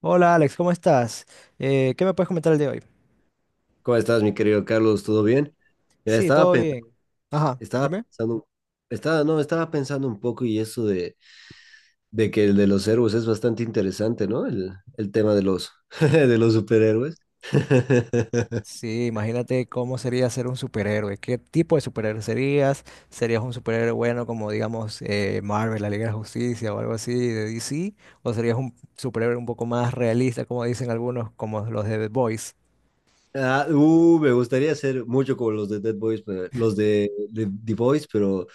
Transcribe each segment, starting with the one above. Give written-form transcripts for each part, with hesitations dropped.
Hola Alex, ¿cómo estás? ¿Qué me puedes comentar el de hoy? ¿Cómo estás, mi querido Carlos? ¿Todo bien? Mira, Sí, estaba todo pensando, bien. Ajá, estaba dime. pensando, estaba, no, estaba pensando un poco y eso de que el de los héroes es bastante interesante, ¿no? El tema de los, de los superhéroes. Sí, imagínate cómo sería ser un superhéroe. ¿Qué tipo de superhéroe serías? ¿Serías un superhéroe bueno como, digamos, Marvel, la Liga de la Justicia o algo así de DC? ¿O serías un superhéroe un poco más realista, como dicen algunos, como los de The Boys? Me gustaría ser mucho como los de Dead Boys, pero- los de The Boys, pero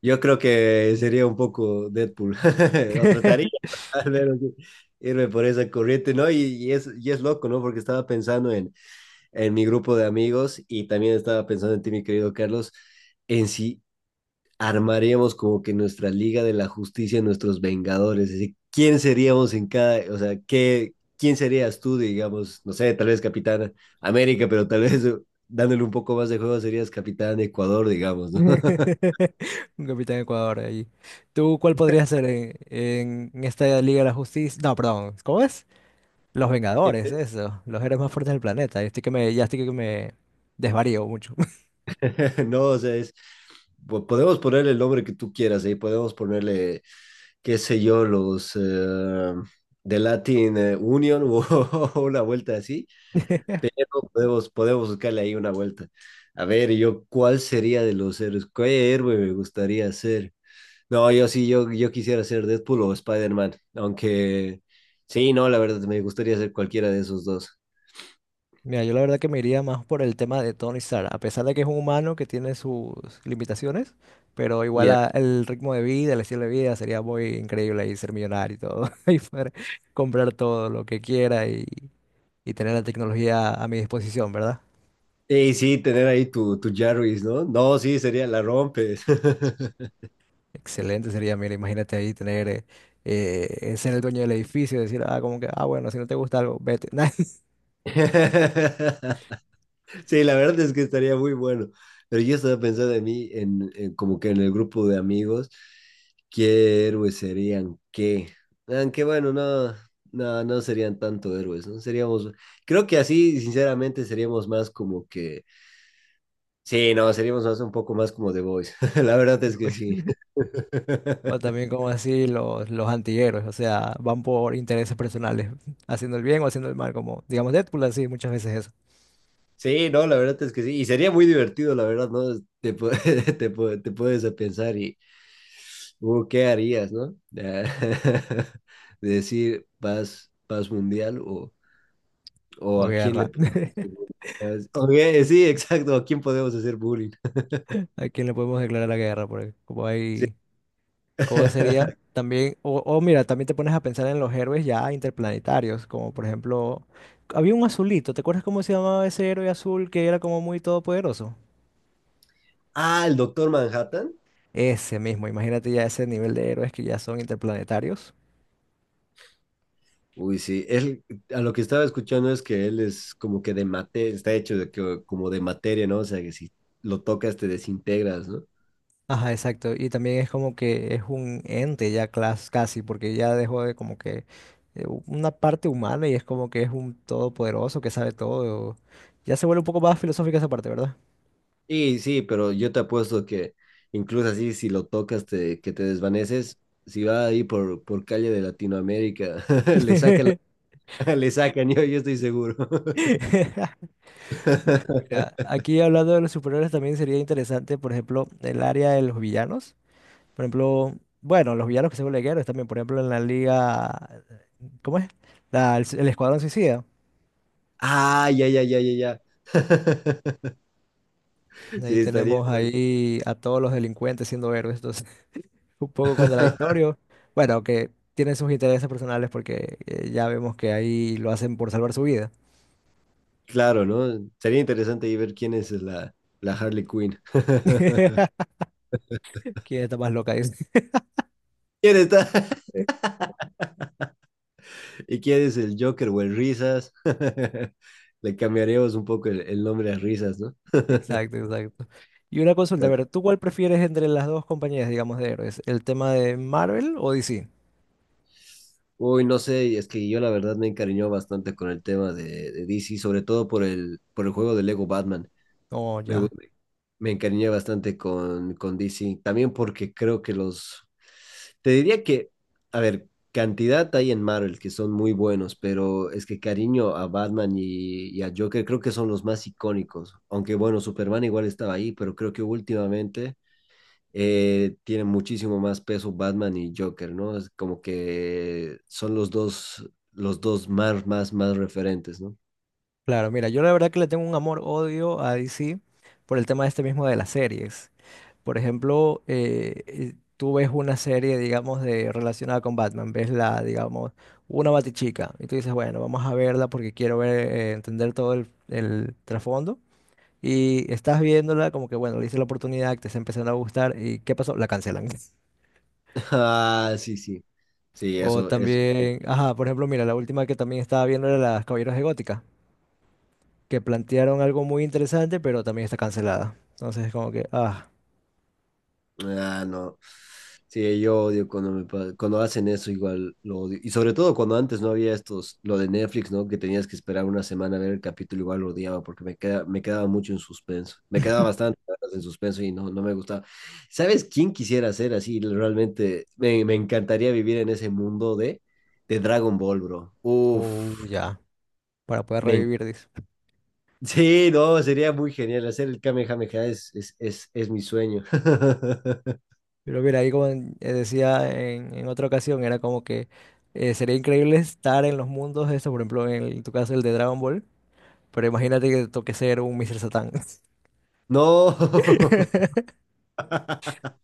yo creo que sería un poco Deadpool. O trataría, al menos, de irme por esa corriente, ¿no? Y es loco, ¿no? Porque estaba pensando en mi grupo de amigos y también estaba pensando en ti, mi querido Carlos, en si armaríamos como que nuestra Liga de la Justicia, nuestros Vengadores, es decir, quién seríamos en cada, o sea, qué, quién serías tú, digamos, no sé, tal vez Capitán América, pero tal vez dándole un poco más de juego serías Capitán Ecuador, digamos, ¿no? Un Capitán Ecuador ahí. ¿Tú cuál podrías ser en esta Liga de la Justicia? No, perdón, ¿cómo es? Los Vengadores, eso. Los héroes más fuertes del planeta. Yo estoy que me, ya estoy que me desvarío mucho. No, o sea, es... Podemos ponerle el nombre que tú quieras, ahí podemos ponerle, qué sé yo, los de Latin Union o una vuelta así. Pero podemos buscarle ahí una vuelta. A ver, yo, ¿cuál sería de los héroes? ¿Qué héroe me gustaría ser? No, yo sí, yo quisiera ser Deadpool o Spider-Man. Aunque, sí, no, la verdad, me gustaría ser cualquiera de esos dos. Mira, yo la verdad que me iría más por el tema de Tony Stark, a pesar de que es un humano que tiene sus limitaciones, pero Ya. El ritmo de vida, el estilo de vida sería muy increíble y ser millonario y todo, y poder comprar todo lo que quiera y tener la tecnología a mi disposición, ¿verdad? Y sí, tener ahí tu Jarvis, ¿no? No, sí, sería la rompes. Excelente sería, mira, imagínate ahí tener, ser el dueño del edificio, decir, ah, como que, ah, bueno, si no te gusta algo, vete. Sí, la verdad es que estaría muy bueno. Pero yo estaba pensando en mí, en como que en el grupo de amigos, ¿qué héroes serían qué? Aunque bueno, no, no serían tanto héroes, ¿no? Seríamos, creo que así, sinceramente, seríamos más como que, sí, no, seríamos más un poco más como The Boys. La verdad Me es que sí. voy. O también como así los antihéroes, o sea, van por intereses personales, haciendo el bien o haciendo el mal, como digamos Deadpool, así muchas veces eso. Sí, no, la verdad es que sí. Y sería muy divertido, la verdad, ¿no? Te puedes a pensar y, ¿qué harías, no? Decir paz, paz mundial o O a quién le guerra. podemos hacer bullying. Ok, sí, exacto, a quién podemos hacer bullying. ¿A quién le podemos declarar la guerra? Porque como Sí. hay, ¿cómo sería? También, o mira, también te pones a pensar en los héroes ya interplanetarios, como por ejemplo, había un azulito, ¿te acuerdas cómo se llamaba ese héroe azul que era como muy todopoderoso? Ah, el doctor Manhattan. Ese mismo, imagínate ya ese nivel de héroes que ya son interplanetarios. Uy, sí, él, a lo que estaba escuchando es que él es como que de mate, está hecho de que, como de materia, ¿no? O sea, que si lo tocas te desintegras, ¿no? Ajá, exacto. Y también es como que es un ente ya casi, porque ya dejó de como que una parte humana y es como que es un todopoderoso que sabe todo. Ya se vuelve un poco más filosófica esa parte, ¿verdad? Sí, sí, pero yo te apuesto que incluso así, si lo tocas, que te desvaneces, si va ahí por calle de Latinoamérica, le sacan, le sacan, yo estoy seguro. Mira, aquí hablando de los superhéroes también sería interesante, por ejemplo, el área de los villanos. Por ejemplo, bueno, los villanos que se vuelven héroes también, por ejemplo, en la liga, ¿cómo es? El Escuadrón Suicida. Ah, ya, ya, ya, ya, ya. Ahí Sí, estaría tenemos bueno. ahí a todos los delincuentes siendo héroes. Un poco contradictorio. Bueno, que tiene sus intereses personales porque ya vemos que ahí lo hacen por salvar su vida. Claro, ¿no? Sería interesante ahí ver quién es la, la Harley Quinn. ¿Quién está más loca? Dice. ¿Quién está? ¿Y quién es el Joker o el Risas? Le cambiaremos un poco el nombre a Risas, ¿no? Exacto, exacto. Y una consulta, a ver, ¿tú cuál prefieres entre las dos compañías, digamos, de héroes? ¿El tema de Marvel o DC? Uy, no sé, es que yo la verdad me encariñó bastante con el tema de DC, sobre todo por por el juego de Lego Batman. Oh, Me, gu- ya. Me encariñé bastante con DC, también porque creo que los... Te diría que, a ver, cantidad hay en Marvel que son muy buenos, pero es que cariño a Batman y a Joker creo que son los más icónicos. Aunque bueno, Superman igual estaba ahí, pero creo que últimamente tienen muchísimo más peso Batman y Joker, ¿no? Es como que son los dos más, más, más referentes, ¿no? Claro, mira, yo la verdad que le tengo un amor-odio a DC por el tema este mismo de las series. Por ejemplo, tú ves una serie, digamos, de relacionada con Batman, ves la, digamos, una Batichica, y tú dices, bueno, vamos a verla porque quiero ver, entender todo el trasfondo. Y estás viéndola como que, bueno, le hice la oportunidad, te está empezando a gustar, ¿y qué pasó? La cancelan. Ah, sí, sí. Sí, O eso es. también, ajá, por ejemplo, mira, la última que también estaba viendo era Las Caballeros de Gótica, que plantearon algo muy interesante, pero también está cancelada. Entonces es como que, ah, Ah, no. Sí, yo odio cuando cuando hacen eso, igual lo odio. Y sobre todo cuando antes no había estos, lo de Netflix, ¿no? Que tenías que esperar una semana a ver el capítulo, igual lo odiaba porque me quedaba mucho en suspenso. Me quedaba bastante en suspenso y no, no me gustaba. ¿Sabes quién quisiera ser así? Realmente me encantaría vivir en ese mundo de Dragon Ball, bro. Uf, ya, para poder me en- revivir, dice. Sí, no, sería muy genial. Hacer el Kamehameha es mi sueño. Pero mira, ahí decía en otra ocasión, era como que sería increíble estar en los mundos estos, por ejemplo, en tu caso el de Dragon Ball, pero imagínate que te toque ser un Mr. Satan. No.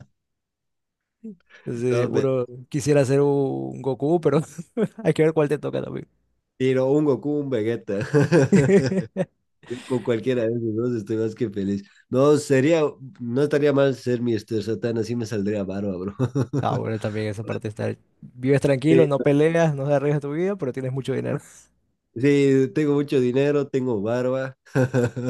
Entonces, No, mentira uno quisiera ser un Goku, pero hay que ver cuál te toca también. un Goku, un Vegeta. Yo con cualquiera de esos dos estoy más que feliz. No, sería, no estaría mal ser Mr. Satan, así me saldría barba, bro. Ah, bueno, también esa parte está... Vives tranquilo, Sí, no peleas, no arriesgas tu vida, pero tienes mucho dinero. sí, tengo mucho dinero, tengo barba.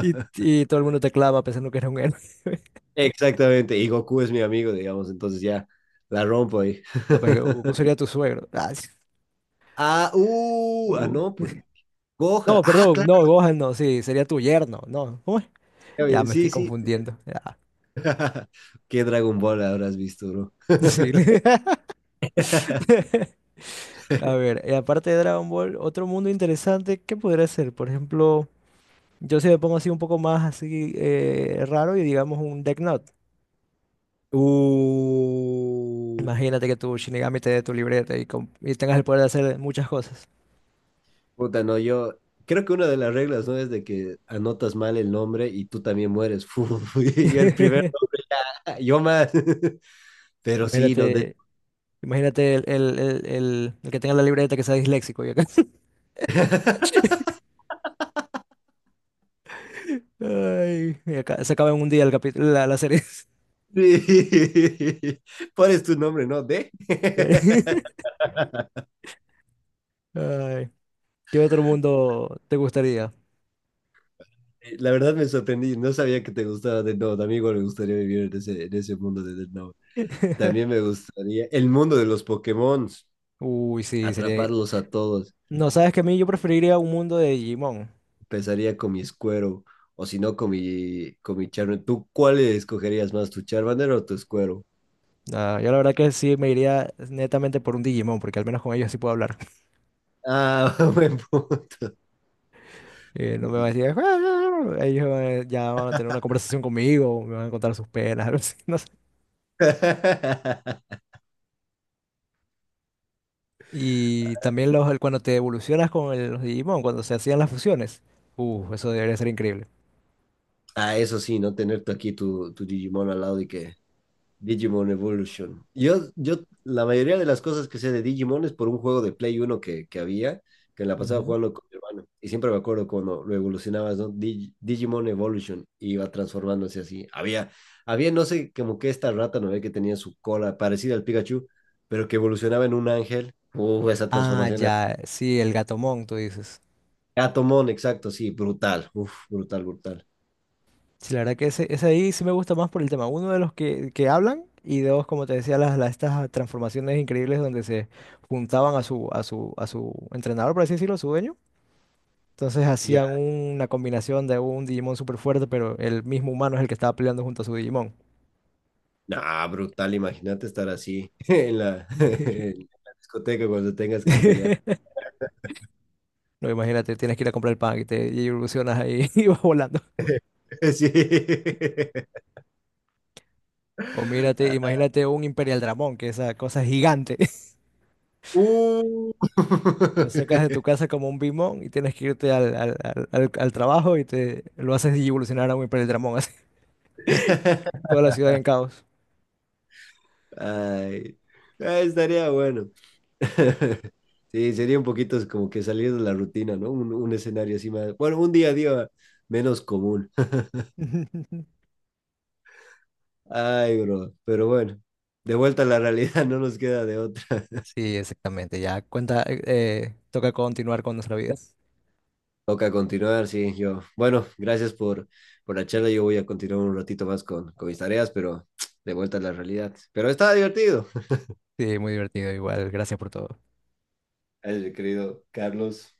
Y todo el mundo te clama pensando que eres un héroe. Exactamente, y Goku es mi amigo, digamos, entonces ya la rompo ahí. No, pues Goku sería tu suegro. Ah, sí. Uh. no, pues Gohan. No, Ah, perdón, claro, no, Gohan no, sí, sería tu yerno, no. ¿Cómo es? ya Ya vi, me estoy sí, sí. confundiendo. Ya. ¿Qué Dragon Ball habrás visto, bro? Sí. A ver, aparte de Dragon Ball, otro mundo interesante, ¿qué podría ser? Por ejemplo, yo si me pongo así un poco más así raro y digamos un Death Note. Uh, Imagínate que tu Shinigami te dé tu libreta y tengas el poder de hacer muchas cosas. puta, no, yo creo que una de las reglas, ¿no? Es de que anotas mal el nombre y tú también mueres. Fu, fu, y el primero, yo más. Pero sí, no, de... Imagínate, imagínate el que tenga la libreta que sea disléxico y acá. Ay, y acá se acaba en un día el capítulo, la serie. Pones tu nombre, ¿no? De... Sí. Ay, ¿qué otro mundo te gustaría? La verdad me sorprendí, no sabía que te gustaba de no, amigo, me gustaría vivir en ese mundo de Death Note. También me gustaría el mundo de los Pokémon, Uy, sí, sería... atraparlos a todos. No, sabes que a mí yo preferiría un mundo de Digimon. Empezaría con mi Squero o si no con mi, con mi Charmander. ¿Tú cuál escogerías más, tu Charmander o tu Squero? Ah, yo la verdad que sí me iría netamente por un Digimon, porque al menos con ellos sí puedo hablar. Ah, buen punto. No me van a decir... "Ah", ya van a tener una conversación conmigo, me van a contar sus penas, algo así, no sé. Y también cuando te evolucionas con los Digimon, cuando se hacían las fusiones. Eso debería ser increíble. Ah, eso sí, no tener tú aquí tu, tu Digimon al lado y que Digimon Evolution. La mayoría de las cosas que sé de Digimon es por un juego de Play Uno que había, que la pasaba Ujú. jugando con mi hermano. Y siempre me acuerdo cuando lo evolucionabas, ¿no? Digimon Evolution iba transformándose así. Había, no sé, como que esta rata, ¿no? ve Que tenía su cola parecida al Pikachu, pero que evolucionaba en un ángel. Uf, esa Ah, transformación. Era- ya, sí, el Gatomon, tú dices. Gatomon, exacto, sí, brutal. Uf, brutal, brutal. Sí, la verdad que ese ahí sí me gusta más por el tema. Uno de los que hablan y dos, como te decía, estas transformaciones increíbles donde se juntaban a su entrenador, por así decirlo, a su dueño. Entonces hacían Ya. una combinación de un Digimon súper fuerte, pero el mismo humano es el que estaba peleando junto a su Digimon. Nah, brutal, imagínate estar así en la, en la discoteca cuando tengas que pelear. No, imagínate, tienes que ir a comprar el pan y evolucionas ahí y vas volando. Sí. O mírate, imagínate un Imperial Dramón, que esa cosa es gigante. Uh. Lo sacas de tu casa como un bimón y tienes que irte al trabajo y te lo haces evolucionar a un hipereldramón, así. Toda la ciudad en caos. Ay. Ah, estaría bueno. Sí, sería un poquito como que salir de la rutina, ¿no? Un escenario así más. Bueno, un día a día menos común. Ay, bro. Pero bueno, de vuelta a la realidad, no nos queda de otra. Sí, exactamente. Ya cuenta, toca continuar con nuestra vida. Toca continuar, sí, yo. Bueno, gracias por la charla. Yo voy a continuar un ratito más con mis tareas, pero de vuelta a la realidad. Pero estaba divertido. Sí, muy divertido igual. Gracias por todo. El querido Carlos